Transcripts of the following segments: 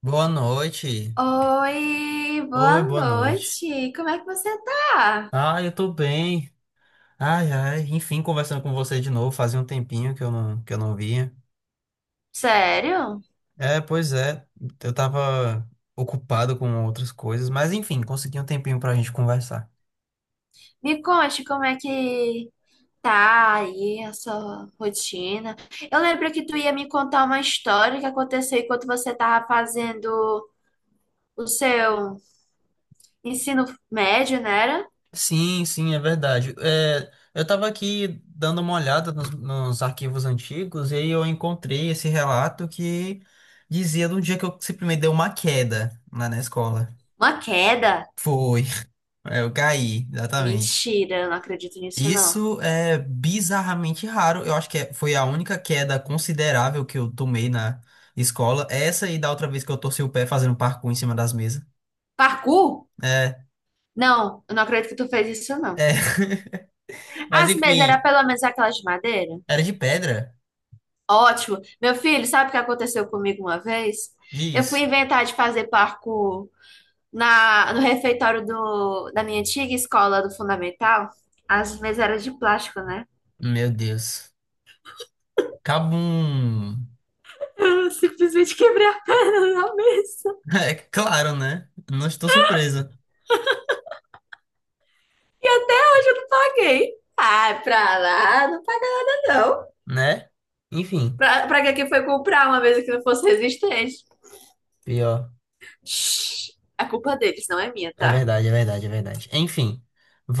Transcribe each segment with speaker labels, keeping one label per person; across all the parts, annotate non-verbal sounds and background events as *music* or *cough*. Speaker 1: Boa noite.
Speaker 2: Oi,
Speaker 1: Oi,
Speaker 2: boa
Speaker 1: boa noite.
Speaker 2: noite. Como é que você tá?
Speaker 1: Ah, eu tô bem. Ai, ai, enfim, conversando com você de novo. Fazia um tempinho que eu não vinha.
Speaker 2: Sério?
Speaker 1: É, pois é. Eu tava ocupado com outras coisas, mas enfim, consegui um tempinho pra gente conversar.
Speaker 2: Me conte como é que tá aí a sua rotina. Eu lembro que tu ia me contar uma história que aconteceu enquanto você tava fazendo o seu ensino médio, não era?
Speaker 1: Sim, sim, é verdade. É, eu tava aqui dando uma olhada nos arquivos antigos e aí eu encontrei esse relato que dizia de um dia que eu simplesmente dei uma queda lá na escola.
Speaker 2: Uma queda?
Speaker 1: Foi, *laughs* eu caí, exatamente.
Speaker 2: Mentira, eu não acredito nisso não.
Speaker 1: Isso é bizarramente raro. Eu acho que foi a única queda considerável que eu tomei na escola. Essa e da outra vez que eu torci o pé fazendo parkour em cima das mesas.
Speaker 2: Parkour?
Speaker 1: É,
Speaker 2: Não, eu não acredito que tu fez isso não.
Speaker 1: é. *laughs* Mas
Speaker 2: As mesas eram
Speaker 1: enfim,
Speaker 2: pelo menos aquelas de madeira?
Speaker 1: era de pedra?
Speaker 2: Ótimo. Meu filho, sabe o que aconteceu comigo uma vez? Eu fui
Speaker 1: Diz.
Speaker 2: inventar de fazer parkour no refeitório da minha antiga escola do Fundamental. As mesas eram de plástico, né?
Speaker 1: Meu Deus. Cabum. *laughs*
Speaker 2: Eu simplesmente quebrei a perna *laughs* na mesa.
Speaker 1: É claro, né? Não estou surpresa,
Speaker 2: E até hoje eu não paguei. Ai, pra lá, não paga não.
Speaker 1: né? Enfim,
Speaker 2: Pra que que foi comprar uma mesa que não fosse resistente?
Speaker 1: pior.
Speaker 2: Shhh, a culpa deles, não é minha,
Speaker 1: É
Speaker 2: tá?
Speaker 1: verdade, é verdade, é verdade. Enfim,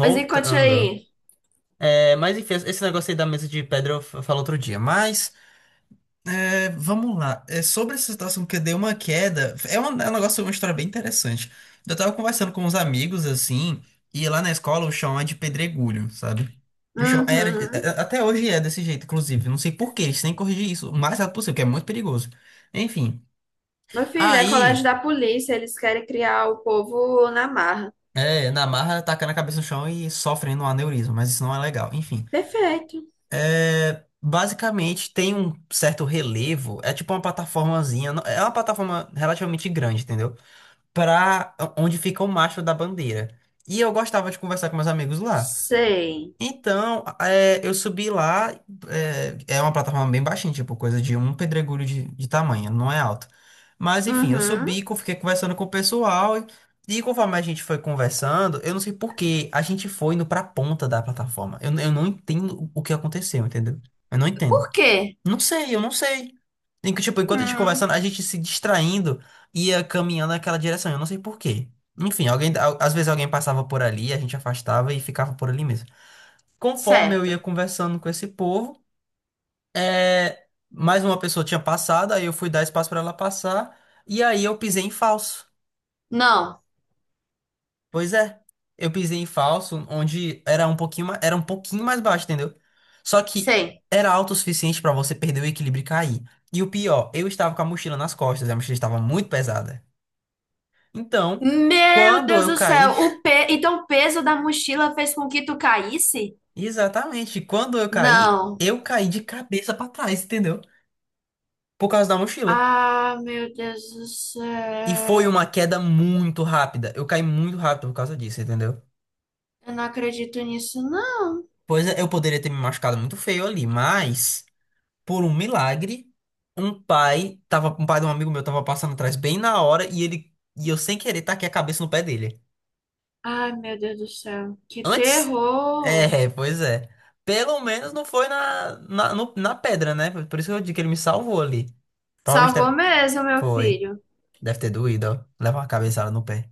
Speaker 2: Mas e conte aí.
Speaker 1: É, mas enfim, esse negócio aí da mesa de pedra eu falo outro dia. Mas. É, vamos lá. É, sobre essa situação que eu dei uma queda, é um negócio, uma história bem interessante. Eu tava conversando com uns amigos, assim, e lá na escola o chão é de pedregulho, sabe? O chão
Speaker 2: Uhum.
Speaker 1: até hoje é desse jeito, inclusive. Não sei por quê, eles têm que corrigir isso o mais rápido possível, que é muito perigoso. Enfim,
Speaker 2: Meu filho, é colégio
Speaker 1: aí,
Speaker 2: da polícia, eles querem criar o povo na marra.
Speaker 1: na marra, tacando a cabeça no chão e sofrendo um aneurisma, mas isso não é legal. Enfim.
Speaker 2: Perfeito.
Speaker 1: Basicamente tem um certo relevo, é tipo uma plataformazinha, é uma plataforma relativamente grande, entendeu? Pra onde fica o mastro da bandeira. E eu gostava de conversar com meus amigos lá.
Speaker 2: Sei.
Speaker 1: Então, eu subi lá, é uma plataforma bem baixinha, tipo, coisa de um pedregulho de tamanho, não é alto. Mas enfim, eu
Speaker 2: Uhum.
Speaker 1: subi, fiquei conversando com o pessoal, e conforme a gente foi conversando, eu não sei por que a gente foi indo pra ponta da plataforma. Eu não entendo o que aconteceu, entendeu? Eu não entendo.
Speaker 2: Por quê?
Speaker 1: Não sei, eu não sei. Em que, tipo, enquanto a gente
Speaker 2: Hum,
Speaker 1: conversando, a gente se distraindo ia caminhando naquela direção. Eu não sei por quê. Enfim, às vezes alguém passava por ali, a gente afastava e ficava por ali mesmo. Conforme eu ia
Speaker 2: certo.
Speaker 1: conversando com esse povo, mais uma pessoa tinha passado, aí eu fui dar espaço pra ela passar, e aí eu pisei em falso.
Speaker 2: Não,
Speaker 1: Pois é, eu pisei em falso, onde era um pouquinho, era um pouquinho mais baixo, entendeu? Só que
Speaker 2: sei.
Speaker 1: era alto o suficiente pra você perder o equilíbrio e cair. E o pior, eu estava com a mochila nas costas, e a mochila estava muito pesada. Então,
Speaker 2: Meu
Speaker 1: quando
Speaker 2: Deus
Speaker 1: eu
Speaker 2: do
Speaker 1: caí,
Speaker 2: céu, então o peso da mochila fez com que tu caísse?
Speaker 1: *laughs* exatamente, quando
Speaker 2: Não.
Speaker 1: eu caí de cabeça pra trás, entendeu? Por causa da mochila.
Speaker 2: Ah, meu Deus do
Speaker 1: E foi
Speaker 2: céu.
Speaker 1: uma queda muito rápida. Eu caí muito rápido por causa disso, entendeu?
Speaker 2: Eu não acredito nisso, não.
Speaker 1: Pois é, eu poderia ter me machucado muito feio ali, mas por um milagre, um pai de um amigo meu tava passando atrás bem na hora e ele e eu sem querer taquei a cabeça no pé dele.
Speaker 2: Ai, meu Deus do céu. Que
Speaker 1: Antes?
Speaker 2: terror.
Speaker 1: É, pois é. Pelo menos não foi na, na, no- na pedra, né? Por isso que eu digo que ele me salvou ali. Provavelmente
Speaker 2: Salvou
Speaker 1: deve,
Speaker 2: mesmo, meu
Speaker 1: foi.
Speaker 2: filho.
Speaker 1: Deve ter doído, ó. Levar uma cabeçada no pé.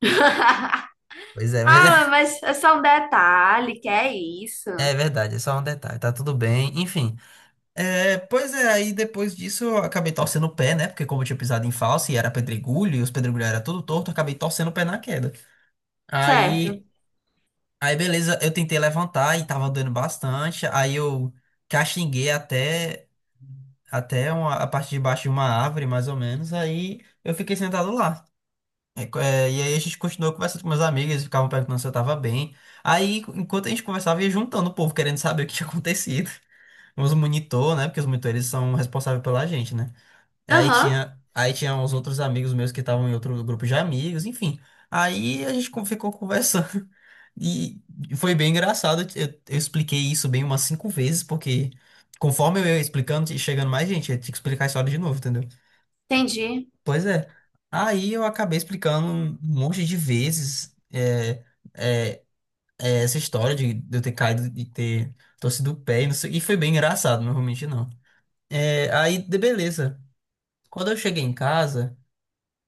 Speaker 2: *laughs*
Speaker 1: Pois é, mas
Speaker 2: Ah,
Speaker 1: é,
Speaker 2: mas é só um detalhe, que é isso.
Speaker 1: *laughs* é verdade, é só um detalhe, tá tudo bem, enfim. É, pois é, aí depois disso eu acabei torcendo o pé, né? Porque como eu tinha pisado em falso e era pedregulho, e os pedregulhos eram tudo torto, eu acabei torcendo o pé na queda.
Speaker 2: Certo.
Speaker 1: Aí, aí beleza, eu tentei levantar e tava doendo bastante. Aí eu caxinguei até a parte de baixo de uma árvore, mais ou menos. Aí eu fiquei sentado lá. É, é, e aí a gente continuou conversando com meus amigos, eles ficavam perguntando se eu tava bem. Aí, enquanto a gente conversava, ia juntando o povo, querendo saber o que tinha *laughs* acontecido. Os monitor, né? Porque os monitores são responsáveis pela gente, né? Aí
Speaker 2: Aham,
Speaker 1: tinha, aí tinha uns outros amigos meus que estavam em outro grupo de amigos, enfim. Aí a gente ficou conversando *laughs* e foi bem engraçado. Eu expliquei isso bem umas cinco vezes, porque conforme eu ia explicando e chegando mais gente, eu tinha que explicar a história de novo, entendeu?
Speaker 2: entendi.
Speaker 1: Pois é. Aí eu acabei explicando um monte de vezes é, essa história de eu ter caído e ter torcido o pé, e foi bem engraçado, não vou mentir, não. É, aí, beleza. Quando eu cheguei em casa.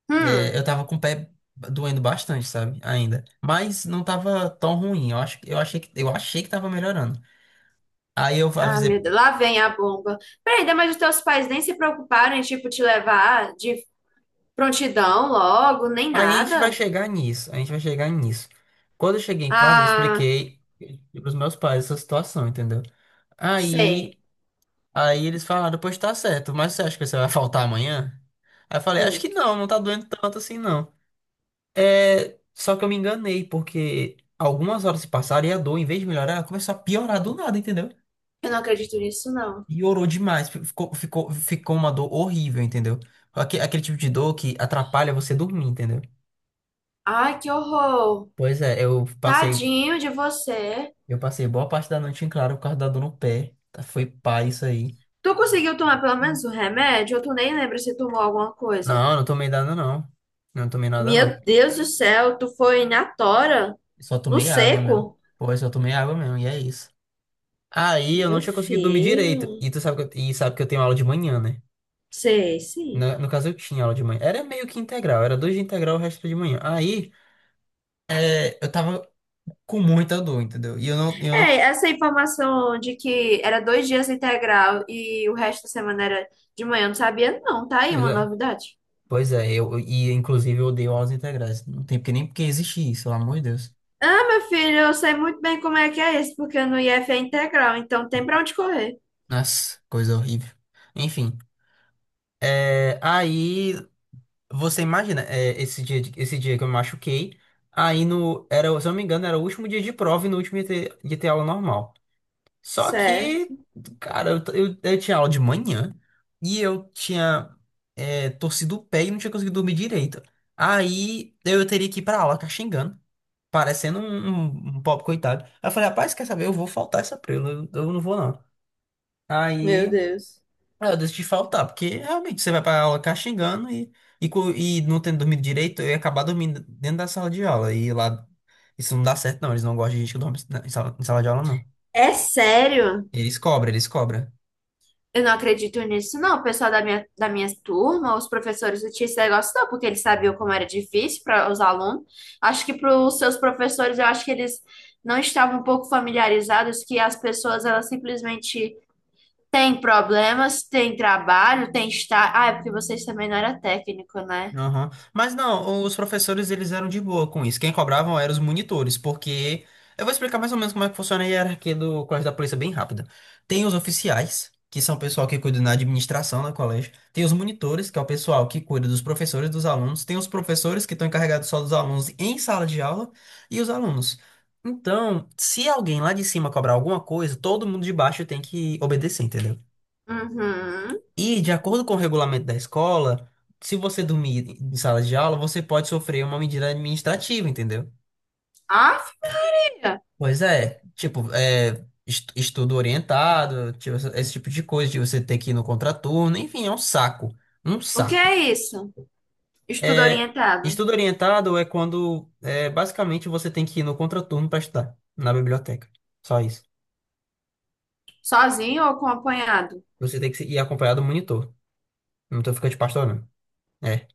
Speaker 2: Hum.
Speaker 1: É, eu tava com o pé doendo bastante, sabe? Ainda. Mas não tava tão ruim. Eu acho, eu achei que tava melhorando. Aí eu
Speaker 2: Ah, meu
Speaker 1: avisei,
Speaker 2: Deus, lá vem a bomba. Peraí, daí, mas os teus pais nem se preocuparam em, tipo, te levar de prontidão logo, nem
Speaker 1: aí a gente vai
Speaker 2: nada?
Speaker 1: chegar nisso, a gente vai chegar nisso. Quando eu cheguei em casa, eu
Speaker 2: Ah,
Speaker 1: expliquei pros meus pais essa situação, entendeu?
Speaker 2: sei.
Speaker 1: Aí, aí eles falaram, pois tá certo, mas você acha que você vai faltar amanhã? Aí eu falei, acho que
Speaker 2: Hum.
Speaker 1: não, não tá doendo tanto assim, não. É, só que eu me enganei, porque algumas horas se passaram e a dor, em vez de melhorar, ela começou a piorar do nada, entendeu?
Speaker 2: Eu não acredito nisso, não.
Speaker 1: E orou demais. Ficou uma dor horrível, entendeu? Aquele tipo de dor que atrapalha você dormir, entendeu?
Speaker 2: Ai, que horror.
Speaker 1: Pois é,
Speaker 2: Tadinho de você.
Speaker 1: eu passei boa parte da noite em claro por causa da dor no pé. Tá, foi pá isso aí.
Speaker 2: Tu conseguiu tomar pelo menos um remédio? Ou tu nem lembra se tomou alguma coisa?
Speaker 1: Não, eu não tomei nada não. Não tomei nada
Speaker 2: Meu
Speaker 1: não.
Speaker 2: Deus do céu, tu foi na tora?
Speaker 1: Só
Speaker 2: No
Speaker 1: tomei água mesmo.
Speaker 2: seco?
Speaker 1: Pô, eu só tomei água mesmo, e é isso. Aí eu não
Speaker 2: Meu
Speaker 1: tinha conseguido dormir direito.
Speaker 2: filho,
Speaker 1: E tu sabe que eu, e sabe que eu tenho aula de manhã, né?
Speaker 2: sei, sim.
Speaker 1: No caso, eu tinha aula de manhã. Era meio que integral, era dois de integral, o resto era de manhã. Aí. É, eu tava com muita dor, entendeu? E eu não, eu
Speaker 2: É,
Speaker 1: não.
Speaker 2: essa informação de que era dois dias integral e o resto da semana era de manhã, eu não sabia, não. Tá aí
Speaker 1: Pois
Speaker 2: uma
Speaker 1: é,
Speaker 2: novidade.
Speaker 1: pois é, eu, e inclusive eu odeio aulas integrais. Não tem porque nem porque existe isso, pelo amor de Deus.
Speaker 2: Ah, meu filho, eu sei muito bem como é que é isso, porque no IF é integral, então tem pra onde correr.
Speaker 1: Nossa, coisa horrível. Enfim, é, aí você imagina, é, esse dia que eu me machuquei, aí no, se eu não me engano, era o último dia de prova e no último dia de ter, ia ter aula normal. Só que,
Speaker 2: Certo.
Speaker 1: cara, eu tinha aula de manhã e eu tinha torcido o pé e não tinha conseguido dormir direito. Aí eu teria que ir pra aula caxingando, parecendo um, um pobre coitado. Aí eu falei, rapaz, quer saber? Eu vou faltar essa prela, eu não vou não.
Speaker 2: Meu
Speaker 1: Aí
Speaker 2: Deus.
Speaker 1: eu decidi faltar, porque realmente você vai pra aula caxingando e, e não tendo dormido direito, eu ia acabar dormindo dentro da sala de aula. E lá, isso não dá certo não, eles não gostam de gente que dorme em sala de aula não.
Speaker 2: É sério?
Speaker 1: Eles cobram, eles cobram.
Speaker 2: Eu não acredito nisso, não. O pessoal da minha turma, os professores do esse negócio não, porque eles sabiam como era difícil para os alunos. Acho que para os seus professores, eu acho que eles não estavam um pouco familiarizados que as pessoas, elas simplesmente têm problemas, têm trabalho, têm estar. Ah, é porque vocês também não eram técnico, né?
Speaker 1: Aham. Mas não, os professores eles eram de boa com isso. Quem cobravam eram os monitores, porque eu vou explicar mais ou menos como é que funciona a hierarquia do colégio da polícia bem rápida. Tem os oficiais, que são o pessoal que cuida na administração do colégio. Tem os monitores, que é o pessoal que cuida dos professores e dos alunos. Tem os professores que estão encarregados só dos alunos em sala de aula e os alunos. Então, se alguém lá de cima cobrar alguma coisa, todo mundo de baixo tem que obedecer, entendeu?
Speaker 2: Uhum.
Speaker 1: E, de acordo com o regulamento da escola, se você dormir em sala de aula, você pode sofrer uma medida administrativa, entendeu?
Speaker 2: Ah, filha,
Speaker 1: Pois é, tipo, é, estudo orientado, tipo, esse tipo de coisa, de você ter que ir no contraturno, enfim, é um saco, um
Speaker 2: o que
Speaker 1: saco.
Speaker 2: é isso? Estudo
Speaker 1: É,
Speaker 2: orientado.
Speaker 1: estudo orientado é quando, é, basicamente, você tem que ir no contraturno para estudar, na biblioteca, só isso.
Speaker 2: Sozinho ou acompanhado?
Speaker 1: Você tem que ir acompanhado do monitor, não tô ficando de pastor, não. É.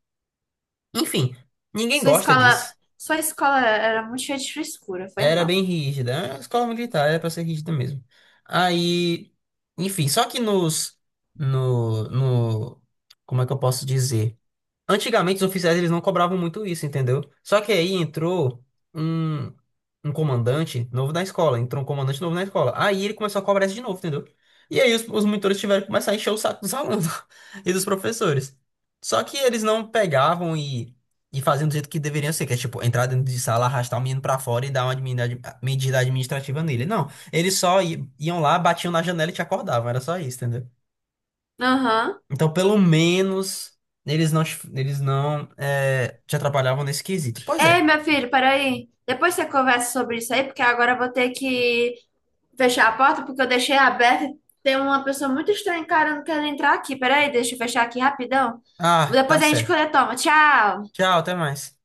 Speaker 1: Enfim, ninguém
Speaker 2: Sua
Speaker 1: gosta
Speaker 2: escola,
Speaker 1: disso.
Speaker 2: sua escola era muito cheia de frescura, foi
Speaker 1: Era
Speaker 2: mal.
Speaker 1: bem rígida. Era uma escola militar, era pra ser rígida mesmo. Aí, enfim, só que nos, no, no, como é que eu posso dizer? Antigamente os oficiais eles não cobravam muito isso, entendeu? Só que aí um, entrou um comandante novo na escola. Aí ele começou a cobrar isso de novo, entendeu? E aí os monitores tiveram que começar a encher o saco dos alunos *laughs* e dos professores. Só que eles não pegavam e, faziam do jeito que deveriam ser, que é tipo entrar dentro de sala, arrastar o menino pra fora e dar uma medida administrativa nele. Não, eles só iam lá, batiam na janela e te acordavam, era só isso, entendeu?
Speaker 2: Aham.
Speaker 1: Então, pelo menos, eles não te atrapalhavam nesse quesito. Pois é.
Speaker 2: Ei, meu filho, peraí. Depois você conversa sobre isso aí, porque agora eu vou ter que fechar a porta, porque eu deixei aberta. Tem uma pessoa muito estranha encarando querendo entrar aqui. Peraí, deixa eu fechar aqui rapidão.
Speaker 1: Ah, tá
Speaker 2: Depois a gente
Speaker 1: certo.
Speaker 2: toma. Tchau!
Speaker 1: Tchau, até mais.